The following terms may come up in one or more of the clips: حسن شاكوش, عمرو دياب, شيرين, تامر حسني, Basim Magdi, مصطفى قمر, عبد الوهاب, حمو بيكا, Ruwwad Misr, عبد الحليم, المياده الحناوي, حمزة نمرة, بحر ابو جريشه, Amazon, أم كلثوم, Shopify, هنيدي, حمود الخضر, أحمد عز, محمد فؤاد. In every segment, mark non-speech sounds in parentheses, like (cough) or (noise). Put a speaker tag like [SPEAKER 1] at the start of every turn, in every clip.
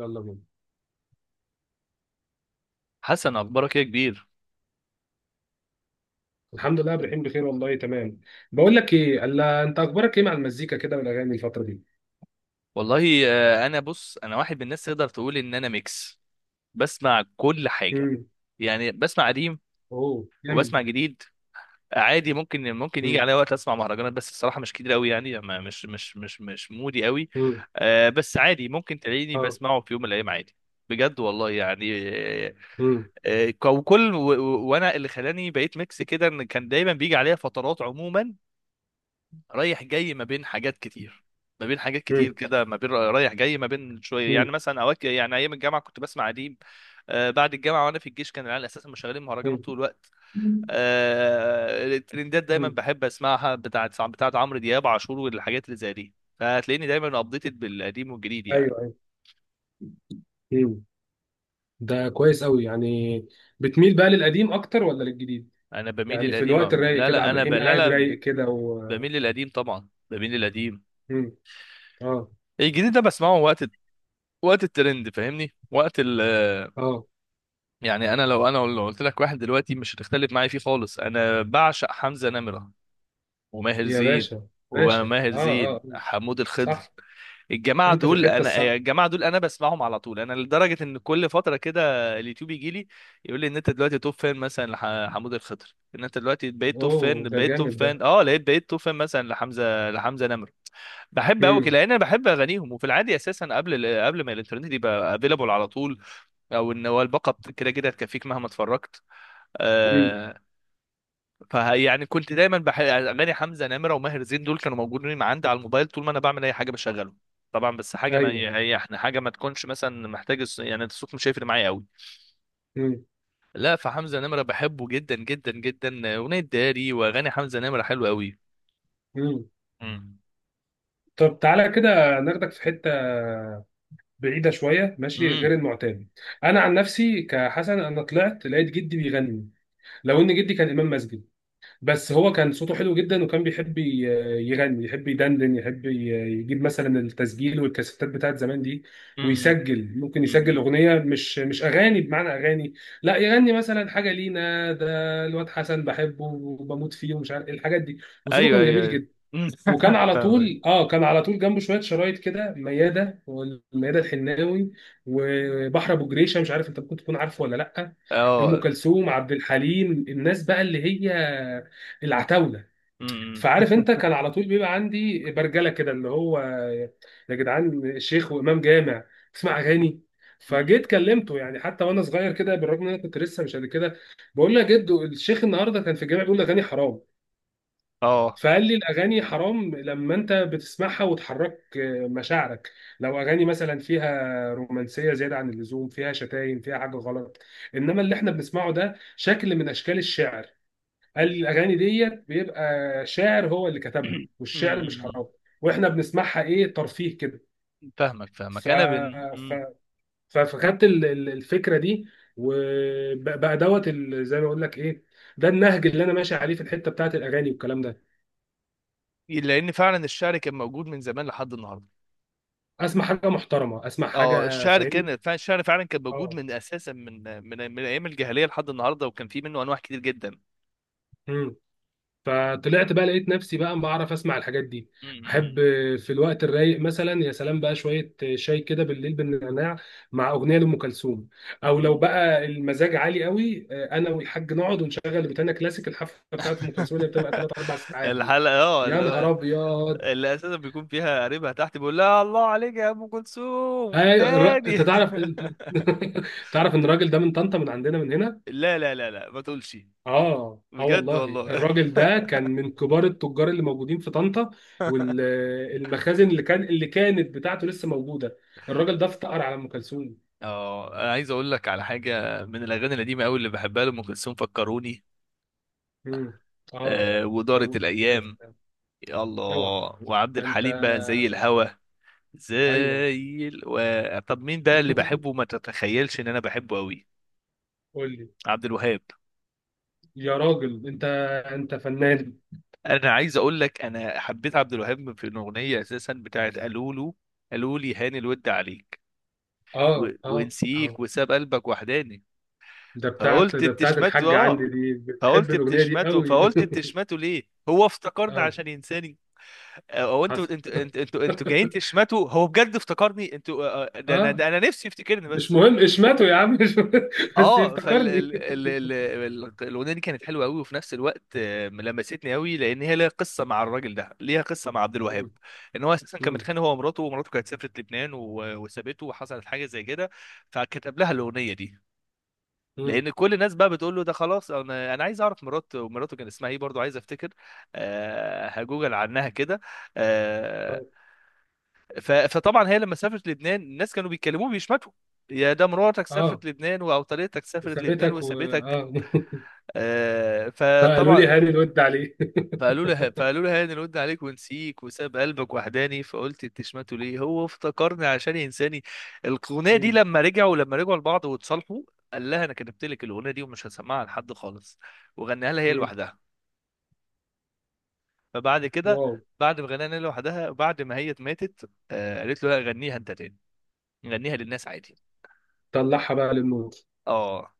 [SPEAKER 1] يلا بينا.
[SPEAKER 2] حسن اخبارك ايه يا كبير؟
[SPEAKER 1] الحمد لله، رايحين بخير والله تمام. بقول لك ايه، الا انت اخبارك ايه مع المزيكا كده والاغاني الفتره دي؟
[SPEAKER 2] والله انا بص، انا واحد من الناس تقدر تقول ان انا ميكس، بسمع كل حاجه.
[SPEAKER 1] امم.
[SPEAKER 2] يعني بسمع قديم
[SPEAKER 1] اوه جامد
[SPEAKER 2] وبسمع
[SPEAKER 1] ده.
[SPEAKER 2] جديد عادي. ممكن يجي
[SPEAKER 1] امم.
[SPEAKER 2] عليا وقت اسمع مهرجانات، بس الصراحه مش كتير قوي، يعني مش مودي قوي.
[SPEAKER 1] امم.
[SPEAKER 2] بس عادي ممكن تلاقيني
[SPEAKER 1] اه.
[SPEAKER 2] بسمعه في يوم من الايام عادي، بجد والله يعني. آه،
[SPEAKER 1] امم.
[SPEAKER 2] وانا اللي خلاني بقيت ميكس كده، ان كان دايما بيجي عليا فترات، عموما رايح جاي ما بين حاجات كتير، ما بين حاجات كتير
[SPEAKER 1] امم.
[SPEAKER 2] كده، ما بين رايح جاي، ما بين شويه،
[SPEAKER 1] امم.
[SPEAKER 2] يعني مثلا اوقات، يعني ايام الجامعه كنت بسمع اديب. آه، بعد الجامعه وانا في الجيش كان العيال اساسا مشغلين مهرجانات طول الوقت.
[SPEAKER 1] امم.
[SPEAKER 2] آه، الترندات دايما
[SPEAKER 1] امم.
[SPEAKER 2] بحب اسمعها، بتاعت عمرو دياب عاشور والحاجات اللي زي دي، فهتلاقيني دايما ابديتد بالقديم والجديد يعني.
[SPEAKER 1] ايوه، ايوه. امم. ده كويس قوي يعني. بتميل بقى للقديم اكتر ولا للجديد؟
[SPEAKER 2] انا بميل
[SPEAKER 1] يعني في
[SPEAKER 2] للقديم.
[SPEAKER 1] الوقت الرايق
[SPEAKER 2] لا
[SPEAKER 1] كده،
[SPEAKER 2] لا،
[SPEAKER 1] عبد الرحيم
[SPEAKER 2] لا
[SPEAKER 1] قاعد
[SPEAKER 2] لا،
[SPEAKER 1] رايق كده و.
[SPEAKER 2] بميل للقديم طبعا، بميل للقديم.
[SPEAKER 1] امم. اه،
[SPEAKER 2] الجديد ده بسمعه وقت، وقت الترند، فاهمني، وقت ال
[SPEAKER 1] اه.
[SPEAKER 2] يعني انا لو، قلت لك واحد دلوقتي مش هتختلف معايا فيه خالص، انا بعشق حمزة نمرة وماهر
[SPEAKER 1] يا
[SPEAKER 2] زين،
[SPEAKER 1] باشا باشا. اه، اه،
[SPEAKER 2] حمود الخضر.
[SPEAKER 1] صح.
[SPEAKER 2] الجماعة
[SPEAKER 1] انت في
[SPEAKER 2] دول
[SPEAKER 1] الحته الصح.
[SPEAKER 2] انا، بسمعهم على طول، انا لدرجة ان كل فترة كده اليوتيوب يجي لي يقول لي ان انت دلوقتي توب فان مثلا لحمود الخضر، ان انت دلوقتي بقيت توب
[SPEAKER 1] اوه،
[SPEAKER 2] فان،
[SPEAKER 1] ده
[SPEAKER 2] بقيت توب
[SPEAKER 1] جامد ده.
[SPEAKER 2] فان اه لقيت بقيت توب فان، مثلا لحمزة نمرة. بحب قوي كده
[SPEAKER 1] امم.
[SPEAKER 2] لان انا بحب اغانيهم. وفي العادي اساسا قبل ما الانترنت يبقى افيلابل على طول، او ان هو كده كده هتكفيك مهما اتفرجت.
[SPEAKER 1] امم.
[SPEAKER 2] آه، فيعني كنت دايما بحب اغاني حمزة نمرة وماهر زين، دول كانوا موجودين عندي على الموبايل، طول ما انا بعمل اي حاجة بشغلهم طبعا. بس حاجة، ما
[SPEAKER 1] ايوه.
[SPEAKER 2] هي احنا حاجة ما تكونش مثلا محتاج يعني الصوت مش هيفرق معايا قوي.
[SPEAKER 1] مم.
[SPEAKER 2] لا، فحمزة نمرة بحبه جدا جدا جدا، أغنية داري وأغاني حمزة نمرة حلوة قوي.
[SPEAKER 1] مم.
[SPEAKER 2] امم،
[SPEAKER 1] طب تعالى كده ناخدك في حته بعيده شويه، ماشي،
[SPEAKER 2] امم،
[SPEAKER 1] غير المعتاد. انا عن نفسي كحسن، انا طلعت لقيت جدي بيغني. لو ان جدي كان امام مسجد، بس هو كان صوته حلو جدا وكان بيحب يغني، يحب يدندن، يحب يجيب مثلا التسجيل والكاسيتات بتاعت زمان دي.
[SPEAKER 2] امم،
[SPEAKER 1] ويسجل، ممكن يسجل
[SPEAKER 2] امم،
[SPEAKER 1] اغنيه، مش اغاني بمعنى اغاني. لا يغني مثلا حاجه لينا ده. الواد حسن بحبه وبموت فيه ومش عارف إيه، الحاجات دي. وصوته
[SPEAKER 2] ايوه
[SPEAKER 1] كان
[SPEAKER 2] ايوه
[SPEAKER 1] جميل
[SPEAKER 2] ايوه.
[SPEAKER 1] جدا.
[SPEAKER 2] أمم.
[SPEAKER 1] وكان
[SPEAKER 2] (laughs)
[SPEAKER 1] على
[SPEAKER 2] فاهمك.
[SPEAKER 1] طول كان على طول جنبه شويه شرايط كده، مياده والمياده الحناوي وبحر ابو جريشه. مش عارف انت ممكن تكون عارفه ولا لا. ام
[SPEAKER 2] اه،
[SPEAKER 1] كلثوم، عبد الحليم، الناس بقى اللي هي العتاوله.
[SPEAKER 2] امم،
[SPEAKER 1] فعارف انت، كان على طول بيبقى عندي برجله كده اللي هو، يا جدعان شيخ وامام جامع تسمع اغاني؟ فجيت
[SPEAKER 2] امم،
[SPEAKER 1] كلمته، يعني حتى وانا صغير كده بالرغم ان انا كنت لسه مش قد كده. بقول له يا جدو، الشيخ النهارده كان في الجامع بيقول اغاني حرام.
[SPEAKER 2] اه،
[SPEAKER 1] فقال لي الاغاني حرام لما انت بتسمعها وتحرك مشاعرك، لو اغاني مثلا فيها رومانسيه زياده عن اللزوم، فيها شتايم، فيها حاجه غلط. انما اللي احنا بنسمعه ده شكل من اشكال الشعر. قال
[SPEAKER 2] أمم.
[SPEAKER 1] لي الاغاني ديت بيبقى شاعر هو اللي كتبها، والشعر مش
[SPEAKER 2] أمم.
[SPEAKER 1] حرام، واحنا بنسمعها ايه، ترفيه كده.
[SPEAKER 2] فاهمك
[SPEAKER 1] ف...
[SPEAKER 2] فاهمك انا بن
[SPEAKER 1] ف... فخدت الفكره دي، وبقى دوت زي ما اقول لك ايه، ده النهج اللي انا ماشي عليه في الحته بتاعت الاغاني والكلام ده.
[SPEAKER 2] لان فعلا الشعر كان موجود من زمان لحد النهارده.
[SPEAKER 1] اسمع حاجه محترمه، اسمع
[SPEAKER 2] اه،
[SPEAKER 1] حاجه،
[SPEAKER 2] الشعر
[SPEAKER 1] فاهمني.
[SPEAKER 2] كان فعلا، الشعر فعلا كان موجود،
[SPEAKER 1] اه.
[SPEAKER 2] من اساسا، من ايام الجاهليه لحد النهارده، وكان في منه انواع كتير جدا.
[SPEAKER 1] امم. فطلعت بقى لقيت نفسي بقى بعرف اسمع الحاجات دي. احب
[SPEAKER 2] أمم.
[SPEAKER 1] في الوقت الرايق مثلا، يا سلام بقى شويه شاي كده بالليل بالنعناع مع اغنيه لام كلثوم. او لو
[SPEAKER 2] أمم.
[SPEAKER 1] بقى المزاج عالي قوي، انا والحاج نقعد ونشغل بتاعنا كلاسيك، الحفله بتاعت ام كلثوم اللي بتبقى 3
[SPEAKER 2] (laughs)
[SPEAKER 1] 4 ساعات دي.
[SPEAKER 2] الحلقه
[SPEAKER 1] يا نهار ابيض.
[SPEAKER 2] اللي اساسا بيكون فيها قريبها تحت بيقول لها: الله عليك يا ام كلثوم
[SPEAKER 1] اي انت
[SPEAKER 2] تاني.
[SPEAKER 1] تعرف. (laughs) تعرف ان الراجل ده من طنطا، من عندنا من هنا.
[SPEAKER 2] (laughs) لا لا لا لا، ما تقولش،
[SPEAKER 1] اه، اه،
[SPEAKER 2] بجد
[SPEAKER 1] والله
[SPEAKER 2] والله.
[SPEAKER 1] الراجل ده كان من كبار التجار اللي موجودين في طنطا،
[SPEAKER 2] (laughs)
[SPEAKER 1] والمخازن اللي كانت بتاعته لسه موجوده. الراجل ده افتقر على ام كلثوم.
[SPEAKER 2] اه، انا عايز اقول لك على حاجه من الاغاني القديمه قوي اللي بحبها لام كلثوم، فكروني،
[SPEAKER 1] امم. اه.
[SPEAKER 2] آه، ودارت
[SPEAKER 1] فاروق، يا
[SPEAKER 2] الايام،
[SPEAKER 1] سلام.
[SPEAKER 2] يا
[SPEAKER 1] اوعى،
[SPEAKER 2] الله، وعبد
[SPEAKER 1] ده انت.
[SPEAKER 2] الحليم بقى زي الهوا،
[SPEAKER 1] ايوه،
[SPEAKER 2] طب مين ده اللي بحبه، ما تتخيلش ان انا بحبه قوي؟
[SPEAKER 1] قول لي.
[SPEAKER 2] عبد الوهاب.
[SPEAKER 1] يا راجل انت، انت فنان.
[SPEAKER 2] انا عايز اقول لك، انا حبيت عبد الوهاب في الاغنيه اساسا بتاعت قالوا له، قالوا لي هاني الود عليك،
[SPEAKER 1] اه، اه، اه.
[SPEAKER 2] ونسيك وساب قلبك وحداني، فقلت
[SPEAKER 1] ده بتاعت
[SPEAKER 2] بتشمته.
[SPEAKER 1] الحاجه عندي
[SPEAKER 2] اه،
[SPEAKER 1] دي، بتحب
[SPEAKER 2] فقلت
[SPEAKER 1] الاغنيه دي
[SPEAKER 2] بتشمته
[SPEAKER 1] قوي.
[SPEAKER 2] فقلت
[SPEAKER 1] (laughs)
[SPEAKER 2] بتشمته ليه، هو افتكرني
[SPEAKER 1] اه.
[SPEAKER 2] عشان ينساني؟ او انتوا
[SPEAKER 1] حصل.
[SPEAKER 2] انتوا انتوا انتوا انتوا جايين
[SPEAKER 1] (laughs)
[SPEAKER 2] تشمتوا، هو بجد افتكرني؟ انتوا؟ ده انا
[SPEAKER 1] اه.
[SPEAKER 2] ده انا نفسي يفتكرني
[SPEAKER 1] مش
[SPEAKER 2] بس.
[SPEAKER 1] مهم اشمته يا عم، مش مهم. (laughs) بس
[SPEAKER 2] اه، فال
[SPEAKER 1] يفتكرني.
[SPEAKER 2] ال... ال... ال... ال- الاغنيه دي كانت حلوه قوي، وفي نفس الوقت لمستني قوي، لان هي ليها قصه مع الراجل ده، ليها قصه مع عبد الوهاب،
[SPEAKER 1] مم.
[SPEAKER 2] ان هو اساسا كان
[SPEAKER 1] مم.
[SPEAKER 2] متخانق هو ومراته، ومراته كانت سافرت لبنان، وسابته، وحصلت حاجه زي كده، فكتب لها الاغنيه دي.
[SPEAKER 1] مم.
[SPEAKER 2] لان كل الناس بقى بتقول له ده خلاص. انا عايز اعرف مراته، مراته كان اسمها ايه، برضو عايز افتكر. أه، هجوجل عنها كده. أه
[SPEAKER 1] طيب.
[SPEAKER 2] فطبعا هي لما سافرت لبنان الناس كانوا بيتكلموا بيشمتوا: يا ده مراتك
[SPEAKER 1] اه،
[SPEAKER 2] سافرت لبنان، او طريقتك سافرت لبنان
[SPEAKER 1] سابتك و
[SPEAKER 2] وسابتك،
[SPEAKER 1] اه (laughs) فقالوا لي
[SPEAKER 2] فطبعا
[SPEAKER 1] هاني الود عليه.
[SPEAKER 2] فقالوا له هاني رد عليك ونسيك وساب قلبك وحداني، فقلت انت شماته ليه، هو افتكرني عشان ينساني. الاغنيه دي
[SPEAKER 1] مم.
[SPEAKER 2] لما رجعوا، لبعض واتصالحوا، قال لها انا كتبت لك الاغنيه دي ومش هسمعها لحد خالص، وغناها لها هي
[SPEAKER 1] مم.
[SPEAKER 2] لوحدها. فبعد كده،
[SPEAKER 1] واو.
[SPEAKER 2] بعد ما غناها لها لوحدها، بعد ما هي ماتت، قالت له: لا، غنيها انت تاني، غنيها للناس عادي.
[SPEAKER 1] طلعها بقى للنور.
[SPEAKER 2] اه،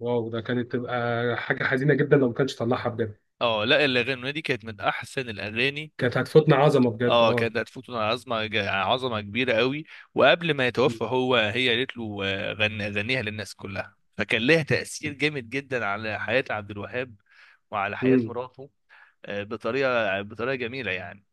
[SPEAKER 1] واو، ده كانت تبقى حاجة حزينة جدا لو ما كانش طلعها، بجد.
[SPEAKER 2] اه، لا الاغنيه دي كانت من احسن الاغاني.
[SPEAKER 1] كانت هتفوتنا عظمة، بجد.
[SPEAKER 2] اه،
[SPEAKER 1] اه.
[SPEAKER 2] كانت هتفوت عظمه كبيره قوي. وقبل ما
[SPEAKER 1] مم.
[SPEAKER 2] يتوفى هو، هي قالت له: غني، غنيها للناس كلها، فكان لها تاثير جامد جدا على حياه عبد الوهاب وعلى حياه
[SPEAKER 1] مم.
[SPEAKER 2] مراته، بطريقه، بطريقه جميله يعني.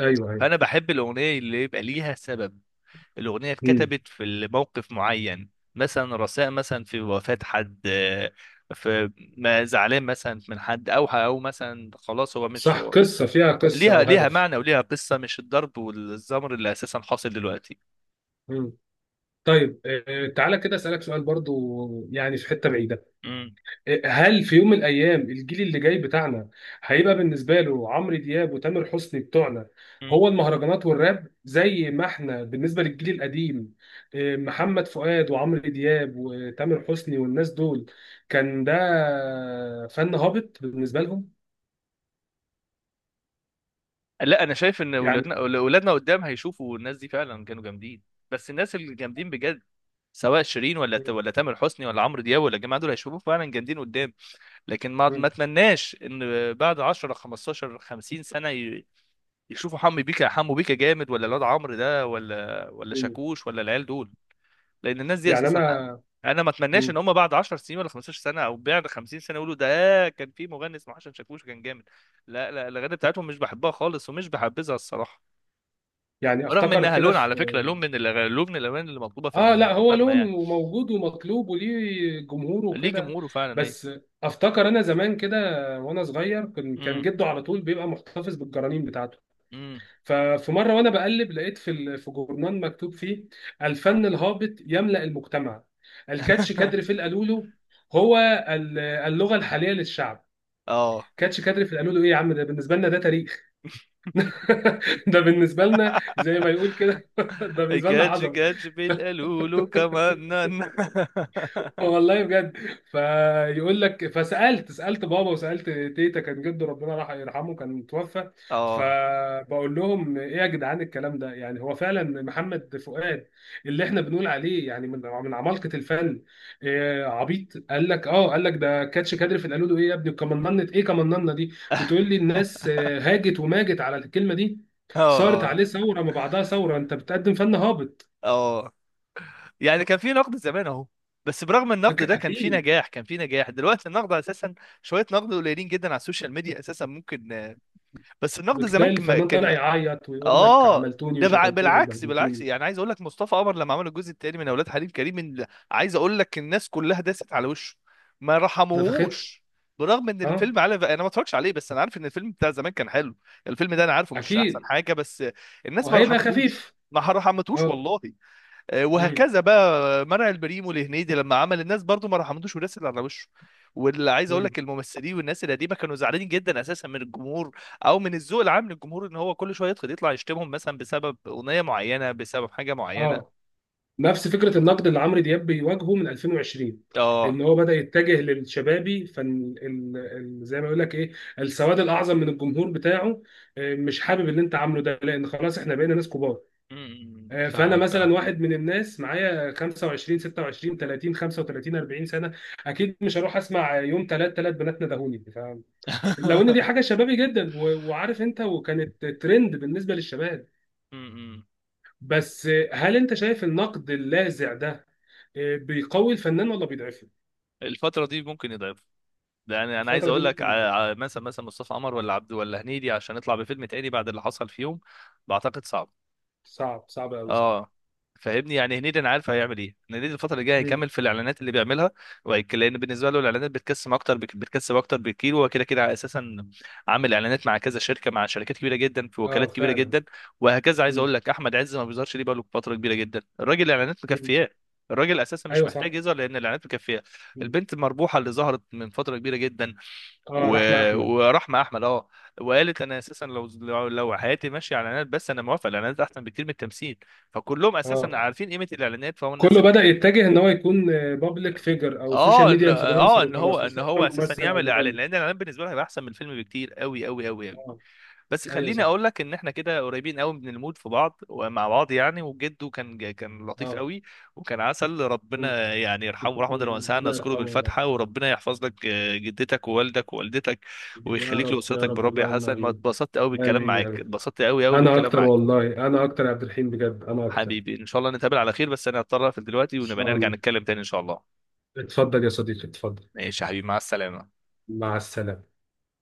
[SPEAKER 1] ايوه، ايوه.
[SPEAKER 2] فانا بحب الاغنيه اللي يبقى ليها سبب، الاغنيه
[SPEAKER 1] مم.
[SPEAKER 2] اتكتبت في موقف معين، مثلا رثاء، مثلا في وفاه حد، في، ما زعلان مثلا من حد، او مثلا خلاص هو مش،
[SPEAKER 1] صح، قصة، فيها قصة
[SPEAKER 2] ليها،
[SPEAKER 1] او
[SPEAKER 2] ليها
[SPEAKER 1] هدف.
[SPEAKER 2] معنى وليها قصة، مش الضرب والزمر اللي أساسا حاصل دلوقتي.
[SPEAKER 1] مم. طيب. تعالى كده اسألك سؤال برضو، يعني في حتة بعيدة.
[SPEAKER 2] مم.
[SPEAKER 1] هل في يوم من الايام الجيل اللي جاي بتاعنا هيبقى بالنسبه له عمرو دياب وتامر حسني بتوعنا،
[SPEAKER 2] مم.
[SPEAKER 1] هو المهرجانات والراب، زي ما احنا بالنسبه للجيل القديم، إيه، محمد فؤاد وعمرو دياب وتامر حسني والناس دول كان ده فن هابط بالنسبه لهم؟
[SPEAKER 2] لا، أنا شايف إن
[SPEAKER 1] يعني
[SPEAKER 2] ولادنا، ولادنا قدام هيشوفوا الناس دي فعلا كانوا جامدين، بس الناس اللي جامدين بجد، سواء شيرين ولا تامر حسني ولا عمرو دياب ولا الجماعة دول، هيشوفوا فعلا جامدين قدام. لكن ما أتمناش إن بعد 10 15 50 سنة يشوفوا حمو بيكا، حمو بيكا جامد، ولا الواد عمرو ده، ولا شاكوش، ولا العيال دول. لان الناس دي
[SPEAKER 1] يعني
[SPEAKER 2] اساسا، انا،
[SPEAKER 1] انا
[SPEAKER 2] أنا ما اتمناش ان هم بعد 10 سنين، ولا 15 سنه، او بعد 50 سنه يقولوا ده كان في مغني اسمه حسن شاكوش كان جامد. لا لا، الاغاني بتاعتهم مش بحبها خالص، ومش بحبذها الصراحه،
[SPEAKER 1] يعني
[SPEAKER 2] رغم
[SPEAKER 1] افتكر
[SPEAKER 2] انها
[SPEAKER 1] كده
[SPEAKER 2] لون على
[SPEAKER 1] في.
[SPEAKER 2] فكره، لون من الأغاني، لون من الاغاني اللي مطلوبه
[SPEAKER 1] اه. لا،
[SPEAKER 2] في
[SPEAKER 1] هو
[SPEAKER 2] المغنى يعني.
[SPEAKER 1] لون وموجود ومطلوب وليه جمهوره
[SPEAKER 2] ليه
[SPEAKER 1] وكده.
[SPEAKER 2] جمهوره فعلا، ايوه.
[SPEAKER 1] بس افتكر انا زمان كده وانا صغير، كان
[SPEAKER 2] امم،
[SPEAKER 1] جده على طول بيبقى محتفظ بالجرانين بتاعته.
[SPEAKER 2] امم.
[SPEAKER 1] ففي مره وانا بقلب، لقيت في في جورنال مكتوب فيه: الفن الهابط يملأ المجتمع، الكاتش
[SPEAKER 2] (laughs)
[SPEAKER 1] كادر في القالولو هو اللغه الحاليه للشعب.
[SPEAKER 2] اه.
[SPEAKER 1] كاتش كادر في القالولو، ايه يا عم؟ ده بالنسبه لنا ده تاريخ. (laughs) ده بالنسبه لنا زي ما يقول
[SPEAKER 2] (laughs)
[SPEAKER 1] كده، (laughs) ده بالنسبه لنا
[SPEAKER 2] كاتش
[SPEAKER 1] عظمه.
[SPEAKER 2] كاتش بالقلولو كمان. (laughs)
[SPEAKER 1] والله بجد. فيقول لك، سالت بابا وسالت تيتا. كان جده، ربنا راح يرحمه، كان توفى.
[SPEAKER 2] اه،
[SPEAKER 1] فبقول لهم ايه يا جدعان، الكلام ده يعني؟ هو فعلا محمد فؤاد اللي احنا بنقول عليه يعني من عمالقه الفن، إيه، عبيط؟ قال لك اه، قال لك ده كاتش كادر في القالوا له ايه يا ابني، كمننت ايه، كمننه دي؟ بتقول لي الناس، هاجت وماجت على الكلمه دي.
[SPEAKER 2] اه،
[SPEAKER 1] صارت
[SPEAKER 2] اه،
[SPEAKER 1] عليه ثوره ما بعدها ثوره، انت بتقدم فن هابط.
[SPEAKER 2] اه. يعني كان في نقد زمان اهو، بس برغم النقد ده كان في
[SPEAKER 1] اكيد.
[SPEAKER 2] نجاح، دلوقتي النقد اساسا شويه، نقد قليلين جدا على السوشيال ميديا اساسا، ممكن، بس النقد زمان
[SPEAKER 1] بتلاقي الفنان طالع
[SPEAKER 2] كان
[SPEAKER 1] يعيط ويقول لك
[SPEAKER 2] اه.
[SPEAKER 1] عملتوني وشتمتوني
[SPEAKER 2] بالعكس، بالعكس.
[SPEAKER 1] وبهدلتوني،
[SPEAKER 2] يعني عايز اقول لك مصطفى قمر لما عمل الجزء الثاني من اولاد حليم كريم، عايز اقول لك الناس كلها داست على وشه، ما
[SPEAKER 1] نفختها.
[SPEAKER 2] رحموهوش. برغم ان
[SPEAKER 1] اه.
[SPEAKER 2] الفيلم، على انا ما اتفرجش عليه، بس انا عارف ان الفيلم بتاع زمان كان حلو، الفيلم ده انا عارفه مش احسن
[SPEAKER 1] اكيد.
[SPEAKER 2] حاجه، بس الناس ما
[SPEAKER 1] وهيبقى
[SPEAKER 2] رحمتوش،
[SPEAKER 1] خفيف. اه.
[SPEAKER 2] والله.
[SPEAKER 1] مم.
[SPEAKER 2] وهكذا بقى منع البريمو لهنيدي لما عمل، الناس برضو ما رحمتوش ورسل على وشه. واللي عايز اقول
[SPEAKER 1] مم.
[SPEAKER 2] لك، الممثلين والناس القديمه كانوا زعلانين جدا اساسا من الجمهور، او من الذوق العام للجمهور، ان هو كل شويه يدخل يطلع يشتمهم مثلا بسبب اغنيه معينه، بسبب حاجه
[SPEAKER 1] اه.
[SPEAKER 2] معينه.
[SPEAKER 1] نفس فكره النقد اللي عمرو دياب بيواجهه من 2020، ان
[SPEAKER 2] اه،
[SPEAKER 1] هو بدا يتجه للشبابي، فن زي ما يقول لك ايه، السواد الاعظم من الجمهور بتاعه، مش حابب اللي انت عامله ده، لان خلاص احنا بقينا ناس كبار.
[SPEAKER 2] امم.
[SPEAKER 1] فانا
[SPEAKER 2] فاهمك اه.
[SPEAKER 1] مثلا واحد من الناس معايا 25 26 30 35 40 سنه، اكيد مش هروح اسمع يوم ثلاث بنات ندهوني لو ان
[SPEAKER 2] (laughs)
[SPEAKER 1] دي حاجه شبابي جدا و... وعارف انت، وكانت ترند بالنسبه للشباب.
[SPEAKER 2] امم.
[SPEAKER 1] بس هل انت شايف النقد اللاذع ده بيقوي الفنان ولا بيضعفه؟
[SPEAKER 2] الفترة دي ممكن يضعف، يعني انا عايز
[SPEAKER 1] الفتره دي
[SPEAKER 2] أقول لك على،
[SPEAKER 1] ممكن.
[SPEAKER 2] على مثلا مصطفى قمر، ولا عبد، ولا هنيدي، عشان يطلع بفيلم تاني بعد اللي حصل فيهم، بعتقد صعب.
[SPEAKER 1] صعب، صعب قوي، صعب.
[SPEAKER 2] اه، فاهمني، يعني هنيدي انا عارف هيعمل ايه، إن هنيدي الفتره اللي جايه
[SPEAKER 1] مم.
[SPEAKER 2] هيكمل في الاعلانات اللي بيعملها، لان بالنسبه له الاعلانات بتكسب اكتر، بتكسب اكتر بكتير، هو كده كده اساسا عامل اعلانات مع كذا شركه، مع شركات كبيره جدا، في
[SPEAKER 1] اه،
[SPEAKER 2] وكالات كبيره
[SPEAKER 1] فعلا.
[SPEAKER 2] جدا. وهكذا عايز
[SPEAKER 1] مم.
[SPEAKER 2] اقول لك، احمد عز ما بيظهرش ليه بقاله فتره كبيره جدا، الراجل الاعلانات
[SPEAKER 1] مم.
[SPEAKER 2] مكفياه، الراجل اساسا مش
[SPEAKER 1] ايوه، صح.
[SPEAKER 2] محتاج يظهر لان الاعلانات مكفياه.
[SPEAKER 1] مم.
[SPEAKER 2] البنت المربوحه اللي ظهرت من فتره كبيره جدا،
[SPEAKER 1] اه،
[SPEAKER 2] و...
[SPEAKER 1] رحمه احمد.
[SPEAKER 2] ورحمه احمد، اه، وقالت انا اساسا لو، لو حياتي ماشيه على اعلانات بس انا موافقه، الاعلانات احسن بكتير من التمثيل. فكلهم اساسا
[SPEAKER 1] اه.
[SPEAKER 2] عارفين قيمه الاعلانات، فهو الناس
[SPEAKER 1] كله
[SPEAKER 2] اللي
[SPEAKER 1] بدأ يتجه ان هو يكون بابليك فيجر او سوشيال
[SPEAKER 2] اه ان،
[SPEAKER 1] ميديا
[SPEAKER 2] اه
[SPEAKER 1] انفلونسر،
[SPEAKER 2] ان هو
[SPEAKER 1] وخلاص
[SPEAKER 2] ان
[SPEAKER 1] مش
[SPEAKER 2] هو
[SPEAKER 1] لازم
[SPEAKER 2] اساسا
[SPEAKER 1] ممثل او
[SPEAKER 2] يعمل اعلان،
[SPEAKER 1] مغني.
[SPEAKER 2] لان الاعلان بالنسبه له هيبقى احسن من الفيلم بكتير، قوي قوي قوي قوي.
[SPEAKER 1] اه.
[SPEAKER 2] بس
[SPEAKER 1] ايوه،
[SPEAKER 2] خليني
[SPEAKER 1] صح.
[SPEAKER 2] اقول لك ان احنا كده قريبين قوي من المود في بعض ومع بعض يعني، وجده كان كان لطيف
[SPEAKER 1] اه.
[SPEAKER 2] قوي، وكان عسل،
[SPEAKER 1] مم.
[SPEAKER 2] ربنا يعني يرحمه، رحمه الله واسعه،
[SPEAKER 1] ربنا
[SPEAKER 2] نذكره
[SPEAKER 1] يرحمه.
[SPEAKER 2] بالفاتحه. وربنا يحفظ لك جدتك ووالدك ووالدتك،
[SPEAKER 1] يا رب، يا
[SPEAKER 2] ويخليك
[SPEAKER 1] رب، يا
[SPEAKER 2] لاسرتك.
[SPEAKER 1] رب،
[SPEAKER 2] بالرب يا
[SPEAKER 1] اللهم
[SPEAKER 2] حسن، ما
[SPEAKER 1] امين.
[SPEAKER 2] اتبسطت قوي بالكلام
[SPEAKER 1] امين يا
[SPEAKER 2] معاك،
[SPEAKER 1] رب.
[SPEAKER 2] اتبسطت قوي قوي
[SPEAKER 1] انا
[SPEAKER 2] بالكلام
[SPEAKER 1] اكتر،
[SPEAKER 2] معاك.
[SPEAKER 1] والله انا اكتر يا عبد الرحيم، بجد انا اكتر، ان
[SPEAKER 2] حبيبي ان شاء الله نتقابل على خير، بس انا هضطر اقفل دلوقتي، ونبقى
[SPEAKER 1] شاء
[SPEAKER 2] نرجع
[SPEAKER 1] الله.
[SPEAKER 2] نتكلم تاني ان شاء الله.
[SPEAKER 1] اتفضل يا صديقي، اتفضل.
[SPEAKER 2] ماشي يا حبيبي، مع السلامه.
[SPEAKER 1] مع السلامة.